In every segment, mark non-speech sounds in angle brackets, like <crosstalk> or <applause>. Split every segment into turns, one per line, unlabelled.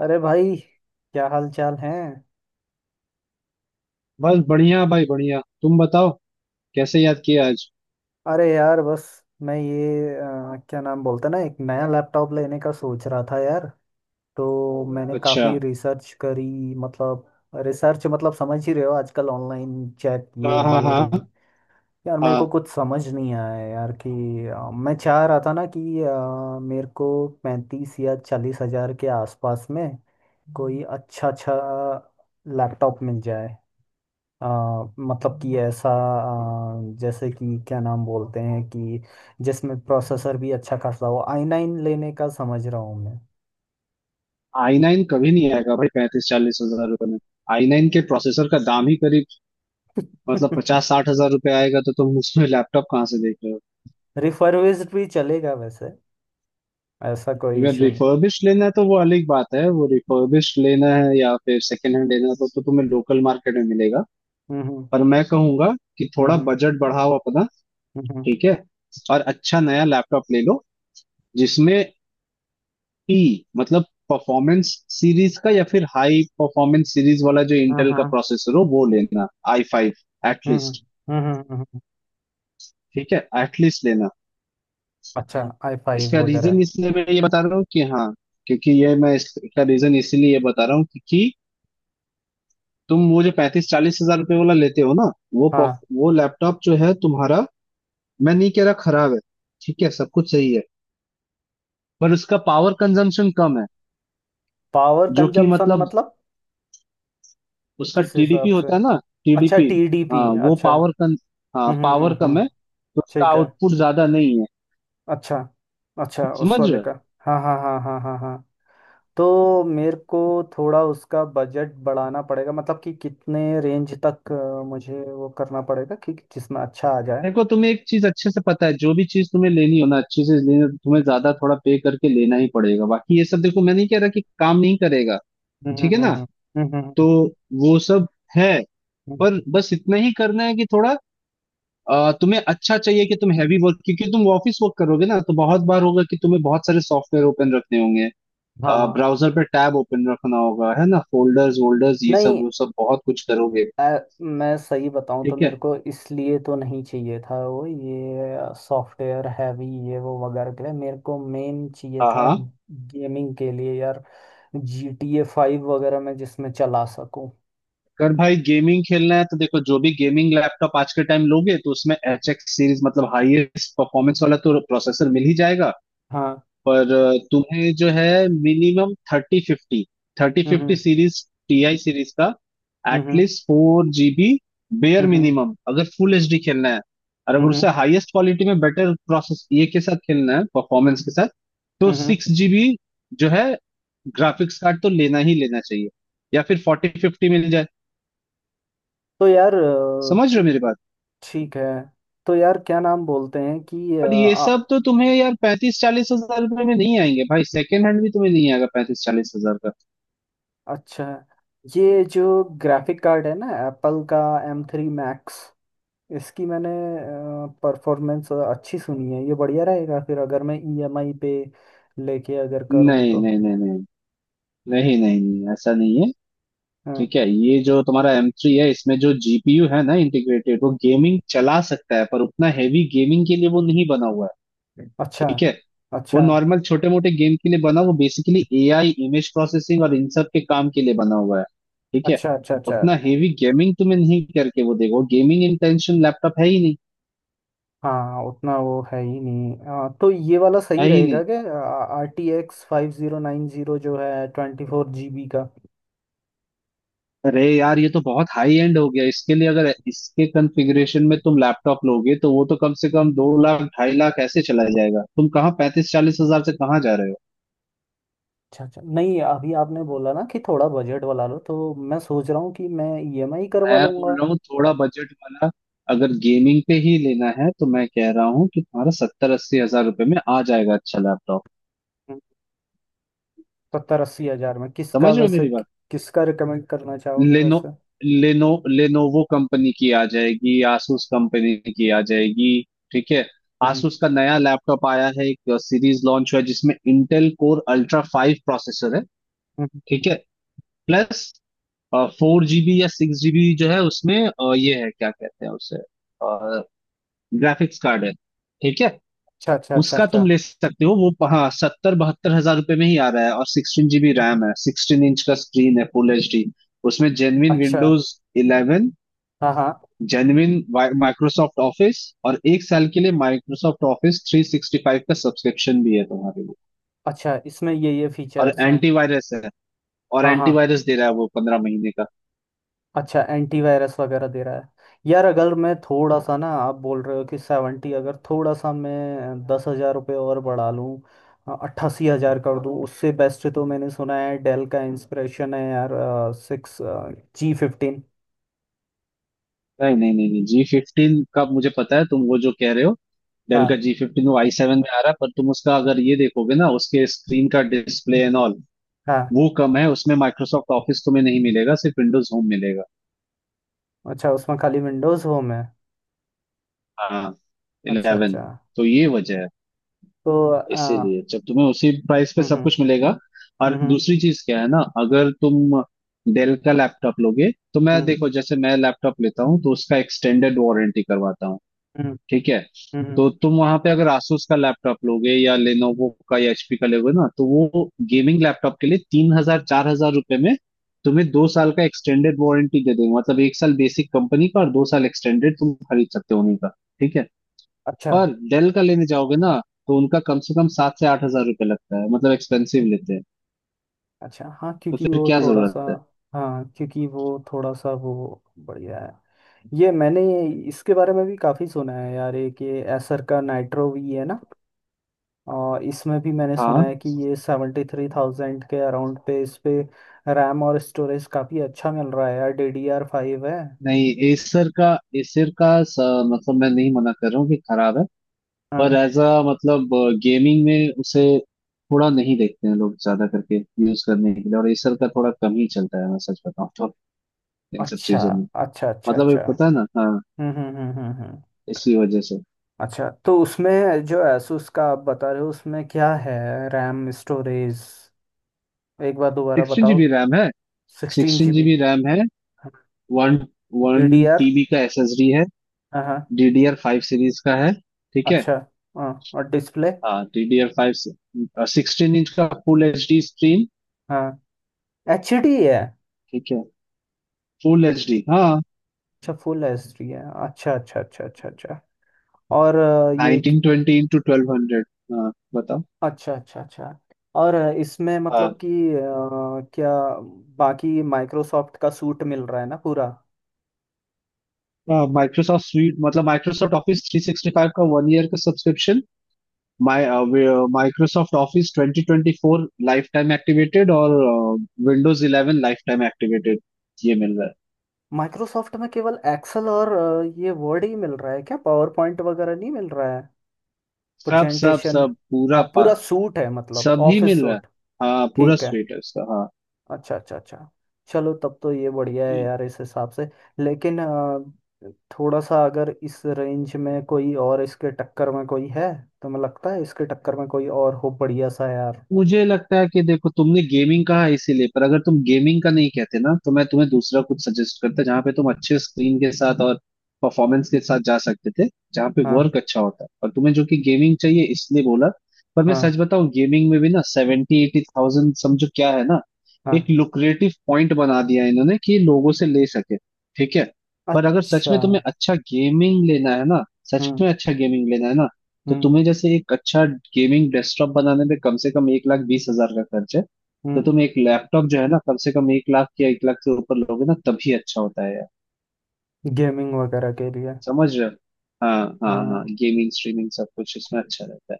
अरे भाई। क्या हाल चाल है।
बस बढ़िया भाई बढ़िया। तुम बताओ, कैसे याद किया आज?
अरे यार बस मैं ये क्या नाम बोलते हैं ना एक नया लैपटॉप लेने का सोच रहा था यार। तो मैंने
अच्छा।
काफ़ी रिसर्च करी। मतलब रिसर्च मतलब समझ ही रहे हो आजकल ऑनलाइन चैट ये
हाँ हाँ
वो रिव्यू।
हाँ
यार मेरे को
हाँ।
कुछ समझ नहीं आया यार कि मैं चाह रहा था ना कि मेरे को 35 या 40 हज़ार के आसपास में कोई अच्छा अच्छा लैपटॉप मिल जाए। अ, मतलब कि ऐसा जैसे कि क्या नाम बोलते हैं कि जिसमें प्रोसेसर भी अच्छा खासा हो i9 लेने का समझ रहा हूँ मैं।
आई नाइन कभी नहीं आएगा भाई 35 40 हजार रुपए में। आई नाइन के प्रोसेसर का दाम ही करीब मतलब पचास
<laughs>
साठ हजार रुपए आएगा, तो तुम उसमें लैपटॉप कहाँ से देख रहे हो?
रिफर्बिश्ड भी चलेगा वैसे। ऐसा कोई
अगर
इशू नहीं।
रिफर्बिश लेना है तो वो अलग बात है। वो रिफर्बिश लेना है या फिर सेकेंड हैंड लेना है तो तुम्हें लोकल मार्केट में मिलेगा।
हम्म
पर मैं कहूंगा कि
हम्म
थोड़ा
हम्म
बजट बढ़ाओ अपना।
हम्म।
ठीक है, और अच्छा नया लैपटॉप ले लो, जिसमें पी मतलब परफॉर्मेंस सीरीज का या फिर हाई परफॉर्मेंस सीरीज वाला, जो
हाँ,
इंटेल का
हाँ।
प्रोसेसर हो वो लेना। आई फाइव
हम्म हम्म
एटलीस्ट।
हम्म, हम्म, हम्म, हम्म।
ठीक है, एटलीस्ट लेना।
अच्छा i5
इसका
वगैरह।
रीजन इसलिए मैं ये बता रहा हूँ कि हाँ, क्योंकि ये मैं इसका रीजन इसीलिए ये बता रहा हूँ, क्योंकि तुम वो जो 35 40 हजार रुपये वाला लेते हो ना, वो
हाँ
वो लैपटॉप जो है तुम्हारा, मैं नहीं कह रहा खराब है। ठीक है, सब कुछ सही है, पर उसका पावर कंजम्पशन कम है।
पावर
जो कि
कंजम्पशन
मतलब
मतलब
उसका
किस
टीडीपी
हिसाब से।
होता है ना।
अच्छा
टीडीपी।
टीडीपी।
हाँ, वो
अच्छा
पावर कन हाँ पावर कम
हम्म।
है तो उसका
ठीक है।
आउटपुट ज्यादा नहीं है।
अच्छा। अच्छा उस
समझ रहे
वाले का।
हो?
हाँ हाँ हाँ हाँ हाँ हाँ। तो मेरे को थोड़ा उसका बजट बढ़ाना पड़ेगा मतलब कि कितने रेंज तक मुझे वो करना पड़ेगा कि जिसमें अच्छा आ जाए।
देखो, तुम्हें एक चीज अच्छे से पता है, जो भी चीज तुम्हें लेनी हो ना, अच्छी से लेनी हो, तो तुम्हें ज्यादा थोड़ा पे करके लेना ही पड़ेगा। बाकी ये सब देखो, मैं नहीं कह रहा कि काम नहीं करेगा।
हम्म
ठीक है
हम्म
ना,
हम्म हम्म, हम्म,
तो वो सब है। पर
हम्म।
बस इतना ही करना है कि थोड़ा तुम्हें अच्छा चाहिए कि तुम हैवी वर्क, क्योंकि तुम ऑफिस वर्क करोगे ना, तो बहुत बार होगा कि तुम्हें बहुत सारे सॉफ्टवेयर ओपन रखने होंगे।
हाँ
ब्राउजर पे टैब ओपन रखना होगा, है ना? फोल्डर्स वोल्डर्स ये सब
नहीं
वो सब बहुत कुछ करोगे।
अ, मैं सही बताऊं तो
ठीक
मेरे
है।
को इसलिए तो नहीं चाहिए था वो ये सॉफ्टवेयर हैवी ये वो वगैरह के लिए मेरे को मेन चाहिए
हाँ
था
हाँ।
गेमिंग के लिए यार। GTA 5 वगैरह मैं जिसमें चला सकूं।
अगर भाई गेमिंग खेलना है तो देखो, जो भी गेमिंग लैपटॉप आज के टाइम लोगे तो उसमें एच एक्स सीरीज मतलब हाईएस्ट परफॉर्मेंस वाला तो प्रोसेसर मिल ही जाएगा।
हाँ।
पर तुम्हें जो है minimum thirty fifty, thirty fifty
हम्म,
सीरीज, टीआई सीरीज का,
हम्म, हम्म,
एटलीस्ट फोर जीबी, बेयर
हम्म, हम्म,
मिनिमम अगर फुल एचडी खेलना है। और अगर
हम्म,
उससे हाईएस्ट क्वालिटी में बेटर प्रोसेस ये के साथ खेलना है, परफॉर्मेंस के साथ, तो
हम्म।
सिक्स जीबी जो है ग्राफिक्स कार्ड तो लेना ही लेना चाहिए, या फिर फोर्टी फिफ्टी मिल जाए।
तो यार
समझ रहे हो
तो
मेरी बात?
ठीक है। तो यार क्या नाम बोलते हैं कि
पर ये सब तो तुम्हें यार 35 40 हजार रुपए में नहीं आएंगे भाई। सेकेंड हैंड भी तुम्हें नहीं आएगा 35 40 हजार का।
अच्छा ये जो ग्राफिक कार्ड है ना एप्पल का M3 Max। इसकी मैंने परफॉर्मेंस अच्छी सुनी है। ये बढ़िया रहेगा फिर अगर मैं ईएमआई पे लेके अगर करूँ
नहीं
तो।
नहीं नहीं नहीं, नहीं नहीं नहीं, ऐसा नहीं है।
हाँ।
ठीक है, ये जो तुम्हारा एम थ्री है, इसमें जो जीपीयू है ना इंटीग्रेटेड, वो गेमिंग चला सकता है, पर उतना हैवी गेमिंग के लिए वो नहीं बना हुआ है।
अच्छा
ठीक है। वो
अच्छा
नॉर्मल छोटे मोटे गेम के लिए बना, वो बेसिकली एआई इमेज प्रोसेसिंग और इन सब के काम के लिए बना हुआ है। ठीक है।
अच्छा अच्छा अच्छा।
उतना हेवी गेमिंग तुम्हें नहीं करके वो देगा, गेमिंग इंटेंशन लैपटॉप है ही नहीं।
हाँ उतना वो है ही नहीं। तो ये वाला सही
है ही
रहेगा
नहीं।
क्या? RTX 5090 जो है 24 GB का।
अरे यार ये तो बहुत हाई एंड हो गया, इसके लिए अगर इसके कॉन्फ़िगरेशन में तुम लैपटॉप लोगे तो वो तो कम से कम 2 लाख ढाई लाख ऐसे चला जाएगा, तुम कहाँ 35 40 हजार से कहाँ जा रहे हो?
अच्छा अच्छा नहीं अभी आपने बोला ना कि थोड़ा बजट वाला लो तो मैं सोच रहा हूँ कि मैं ईएमआई करवा
मैं
लूंगा।
बोल रहा हूँ थोड़ा बजट वाला, अगर गेमिंग पे ही लेना है तो मैं कह रहा हूँ कि तुम्हारा 70 80 हजार रुपये में आ जाएगा अच्छा लैपटॉप।
हम्म। 70 80 हजार में किसका
समझ रहे हो
वैसे
मेरी बात?
किसका रिकमेंड करना चाहोगे
लेनो
वैसे?
लेनो लेनोवो कंपनी की आ जाएगी, asus कंपनी की आ जाएगी। ठीक है।
हम्म
asus का नया लैपटॉप आया है, एक सीरीज लॉन्च हुआ है जिसमें Intel Core Ultra five processor है।
हम्म।
ठीक है। प्लस फोर जीबी या सिक्स जीबी जो है उसमें ये है, क्या कहते हैं उसे, ग्राफिक्स कार्ड है। ठीक है।
अच्छा अच्छा अच्छा
उसका तुम
अच्छा
ले सकते हो, वो हाँ 70 72 हजार रुपये में ही आ रहा है। और सिक्सटीन जीबी रैम है, सिक्सटीन इंच का स्क्रीन है, फुल एच डी। उसमें जेनविन
अच्छा।
विंडोज इलेवन,
हाँ हाँ।
जेन्युइन माइक्रोसॉफ्ट ऑफिस, और एक साल के लिए माइक्रोसॉफ्ट ऑफिस 365 का सब्सक्रिप्शन भी है तुम्हारे लिए।
अच्छा इसमें ये
और
फीचर्स हैं।
एंटीवायरस है, और
हाँ हाँ।
एंटीवायरस दे रहा है वो 15 महीने का।
अच्छा एंटीवायरस वगैरह दे रहा है। यार अगर मैं थोड़ा सा ना आप बोल रहे हो कि 70 अगर थोड़ा सा मैं 10 हज़ार रुपये और बढ़ा लूँ 88 हज़ार कर दूँ उससे बेस्ट तो मैंने सुना है डेल का इंस्पिरेशन है यार। G15।
नहीं नहीं नहीं नहीं, जी फिफ्टीन का मुझे पता है तुम वो जो कह रहे हो। डेल
हाँ
का जी फिफ्टीन वो आई सेवन में आ रहा है, पर तुम उसका अगर ये देखोगे ना, उसके स्क्रीन का डिस्प्ले एंड ऑल
हाँ।
वो कम है। उसमें माइक्रोसॉफ्ट ऑफिस तुम्हें नहीं मिलेगा, सिर्फ विंडोज होम मिलेगा।
अच्छा उसमें खाली विंडोज़ होम है।
हाँ,
अच्छा
इलेवन।
अच्छा।
तो ये वजह है,
तो
इसीलिए जब तुम्हें उसी प्राइस पे
हम्म हम्म
सब कुछ मिलेगा। और
हम्म
दूसरी चीज क्या है ना, अगर तुम डेल का लैपटॉप लोगे तो
हम्म
मैं,
हम्म
देखो जैसे मैं लैपटॉप लेता हूँ तो उसका एक्सटेंडेड वारंटी करवाता हूँ।
हम्म,
ठीक है।
हम्म।
तो तुम वहां पे अगर asus का लैपटॉप लोगे या लेनोवो का या hp का लोगे ना, तो वो गेमिंग लैपटॉप के लिए 3 हजार 4 हजार रुपए में तुम्हें 2 साल का एक्सटेंडेड वारंटी दे देंगे। मतलब एक साल बेसिक कंपनी का और 2 साल एक्सटेंडेड तुम खरीद सकते हो उन्हीं का। ठीक है।
अच्छा
पर डेल का लेने जाओगे ना तो उनका कम से कम 7 से 8 हजार रुपये लगता है, मतलब एक्सपेंसिव लेते हैं।
अच्छा। हाँ
तो
क्योंकि
फिर
वो
क्या
थोड़ा सा
जरूरत है?
हाँ क्योंकि वो थोड़ा सा वो बढ़िया है। ये मैंने इसके बारे में भी काफ़ी सुना है यार। एक ये एसर का नाइट्रो वी है ना और इसमें भी मैंने सुना
हाँ।
है कि ये 73,000 के अराउंड पे इस पे रैम और स्टोरेज काफ़ी अच्छा मिल रहा है यार। DDR5 है।
नहीं, एसर का, एसर का स, मतलब मैं नहीं मना कर रहा हूँ कि खराब है।
हाँ।
पर एज अ मतलब गेमिंग में उसे थोड़ा नहीं देखते हैं लोग, ज्यादा करके यूज करने के लिए। और एसर का थोड़ा कम ही चलता है, मैं सच बताऊँ तो, इन सब
अच्छा
चीजों में।
अच्छा अच्छा
मतलब ये
अच्छा।
पता है ना। हाँ,
हम्म हम्म हम्म हम्म हम्म।
इसी वजह से।
अच्छा तो उसमें जो asus का आप बता रहे हो उसमें क्या है? रैम स्टोरेज एक बार दोबारा
सिक्सटीन
बताओ।
जीबी रैम है
sixteen
sixteen
G B
GB RAM है। One one
D D R.
TB का एसएसडी है।
हाँ हाँ।
डीडीआर फाइव सीरीज का है। ठीक है।
अच्छा। हाँ और डिस्प्ले?
हाँ, डीडीआर फाइव, सिक्सटीन इंच का फुल एच डी स्क्रीन।
हाँ एचडी है।
ठीक है, फुल एच डी हाँ।
अच्छा फुल एचडी है। अच्छा अच्छा अच्छा अच्छा अच्छा। और
nineteen twenty into twelve hundred. हाँ बताओ।
अच्छा अच्छा अच्छा। और इसमें मतलब कि अ, क्या बाकी माइक्रोसॉफ्ट का सूट मिल रहा है ना पूरा?
हाँ माइक्रोसॉफ्ट स्वीट मतलब Microsoft Office three sixty five का वन ईयर का subscription, Microsoft Office twenty twenty four lifetime activated, और Windows eleven lifetime activated, ये मिल रहा है।
माइक्रोसॉफ्ट में केवल एक्सेल और ये वर्ड ही मिल रहा है क्या, पावर पॉइंट वगैरह नहीं मिल रहा है?
सब सब
प्रेजेंटेशन।
सब
हाँ पूरा सूट है मतलब
सभी
ऑफिस
मिल रहा है।
सूट।
हाँ पूरा
ठीक है।
स्वीट है उसका।
अच्छा अच्छा अच्छा। चलो तब तो ये बढ़िया है
हाँ।
यार इस हिसाब से। लेकिन थोड़ा सा अगर इस रेंज में कोई और इसके टक्कर में कोई है तो मुझे लगता है इसके टक्कर में कोई और हो बढ़िया सा यार।
मुझे लगता है कि देखो, तुमने गेमिंग कहा है इसीलिए, पर अगर तुम गेमिंग का नहीं कहते ना, तो मैं तुम्हें दूसरा कुछ सजेस्ट करता, जहाँ पे तुम अच्छे स्क्रीन के साथ और परफॉर्मेंस के साथ जा सकते थे, जहाँ पे
हाँ
वर्क अच्छा होता। और तुम्हें जो कि गेमिंग चाहिए इसलिए बोला। पर मैं सच
हाँ
बताऊं, गेमिंग में भी ना सेवेंटी एटी थाउजेंड, समझो क्या है ना, एक
हाँ।
लुक्रेटिव पॉइंट बना दिया है इन्होंने कि लोगों से ले सके। ठीक है। पर अगर सच
अच्छा।
में तुम्हें अच्छा गेमिंग लेना है ना, सच
हम्म
में अच्छा गेमिंग लेना है ना, तो
हम्म
तुम्हें जैसे एक अच्छा गेमिंग डेस्कटॉप बनाने में कम से कम 1 लाख 20 हजार का खर्च है। तो
हम्म।
तुम एक लैपटॉप जो है ना, कम से कम एक लाख या 1 लाख से ऊपर लोगे ना, तभी अच्छा होता है यार।
गेमिंग वगैरह के लिए।
समझ रहे हो? हाँ हाँ हाँ,
हाँ।
गेमिंग स्ट्रीमिंग सब कुछ इसमें अच्छा रहता है।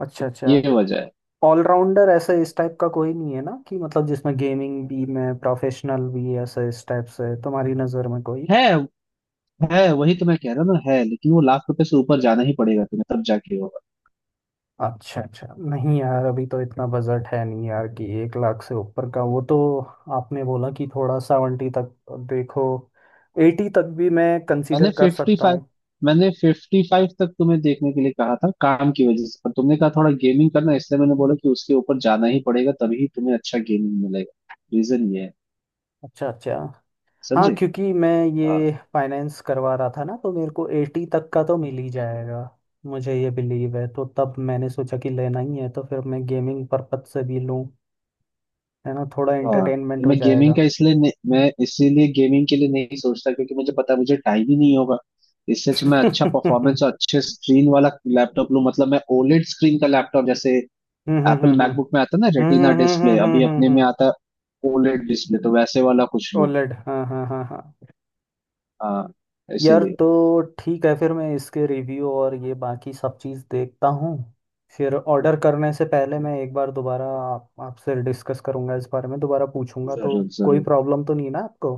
अच्छा अच्छा।
ये वजह
ऑलराउंडर ऐसे इस टाइप का कोई नहीं है ना कि मतलब जिसमें गेमिंग भी में प्रोफेशनल भी ऐसे इस टाइप से तुम्हारी नज़र में कोई?
है। है, वही तो मैं कह रहा हूँ ना, है, लेकिन वो लाख रुपए से ऊपर जाना ही पड़ेगा तुम्हें, तब जाके होगा।
अच्छा अच्छा नहीं यार अभी तो इतना बजट है नहीं यार कि 1 लाख से ऊपर का वो तो। आपने बोला कि थोड़ा 70 तक। देखो 80 तक भी मैं
मैंने
कंसीडर कर
फिफ्टी
सकता
फाइव
हूँ।
मैंने फिफ्टी फाइव तक तुम्हें देखने के लिए कहा था काम की वजह से, पर तुमने कहा थोड़ा गेमिंग करना, इसलिए मैंने बोला कि उसके ऊपर जाना ही पड़ेगा, तभी तुम्हें अच्छा गेमिंग मिलेगा। रीजन ये है।
अच्छा अच्छा। हाँ
समझे?
क्योंकि मैं
हाँ
ये फाइनेंस करवा रहा था ना तो मेरे को 80 तक का तो मिल ही जाएगा। मुझे ये बिलीव है तो तब मैंने सोचा कि लेना ही है तो फिर मैं गेमिंग पर्पज से भी लूँ। है ना थोड़ा
हाँ।
एंटरटेनमेंट हो जाएगा।
मैं इसीलिए गेमिंग के लिए नहीं सोचता, क्योंकि मुझे पता है मुझे टाइम ही नहीं होगा। इससे अच्छा मैं अच्छा
<laughs>
परफॉर्मेंस और अच्छे स्क्रीन वाला लैपटॉप लूं। मतलब मैं ओलेड स्क्रीन का लैपटॉप, जैसे
हम्म हम्म
एप्पल
हम्म
मैकबुक में आता है ना
हम्म
रेटिना
हम्म हम्म
डिस्प्ले,
हम्म हम्म
अभी
हम्म हम्म हम्म, हम्म,
अपने में
हम्म।
आता है ओलेड डिस्प्ले, तो वैसे वाला कुछ लूं।
ओलेड हाँ हाँ हाँ हाँ।
हाँ,
यार
इसीलिए।
तो ठीक है फिर मैं इसके रिव्यू और ये बाकी सब चीज़ देखता हूँ। फिर ऑर्डर करने से पहले मैं एक बार दोबारा आपसे डिस्कस करूँगा इस बारे में दोबारा पूछूंगा तो
जरूर
कोई
जरूर।
प्रॉब्लम तो नहीं ना आपको?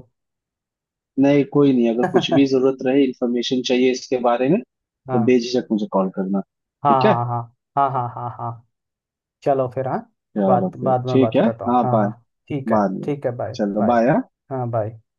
नहीं, कोई नहीं, अगर कुछ भी
<laughs> हाँ
जरूरत रहे, इंफॉर्मेशन चाहिए इसके बारे में, तो बेझिझक मुझे कॉल करना।
हाँ
ठीक है,
हाँ हाँ हाँ हाँ हाँ हाँ। चलो फिर हाँ।
चलो
बात
फिर
बाद में
ठीक
बात
है,
करता हूँ
हाँ
हाँ
बाय।
हाँ।
बाद में,
ठीक है बाय
चलो
बाय।
बाय।
हाँ बाय।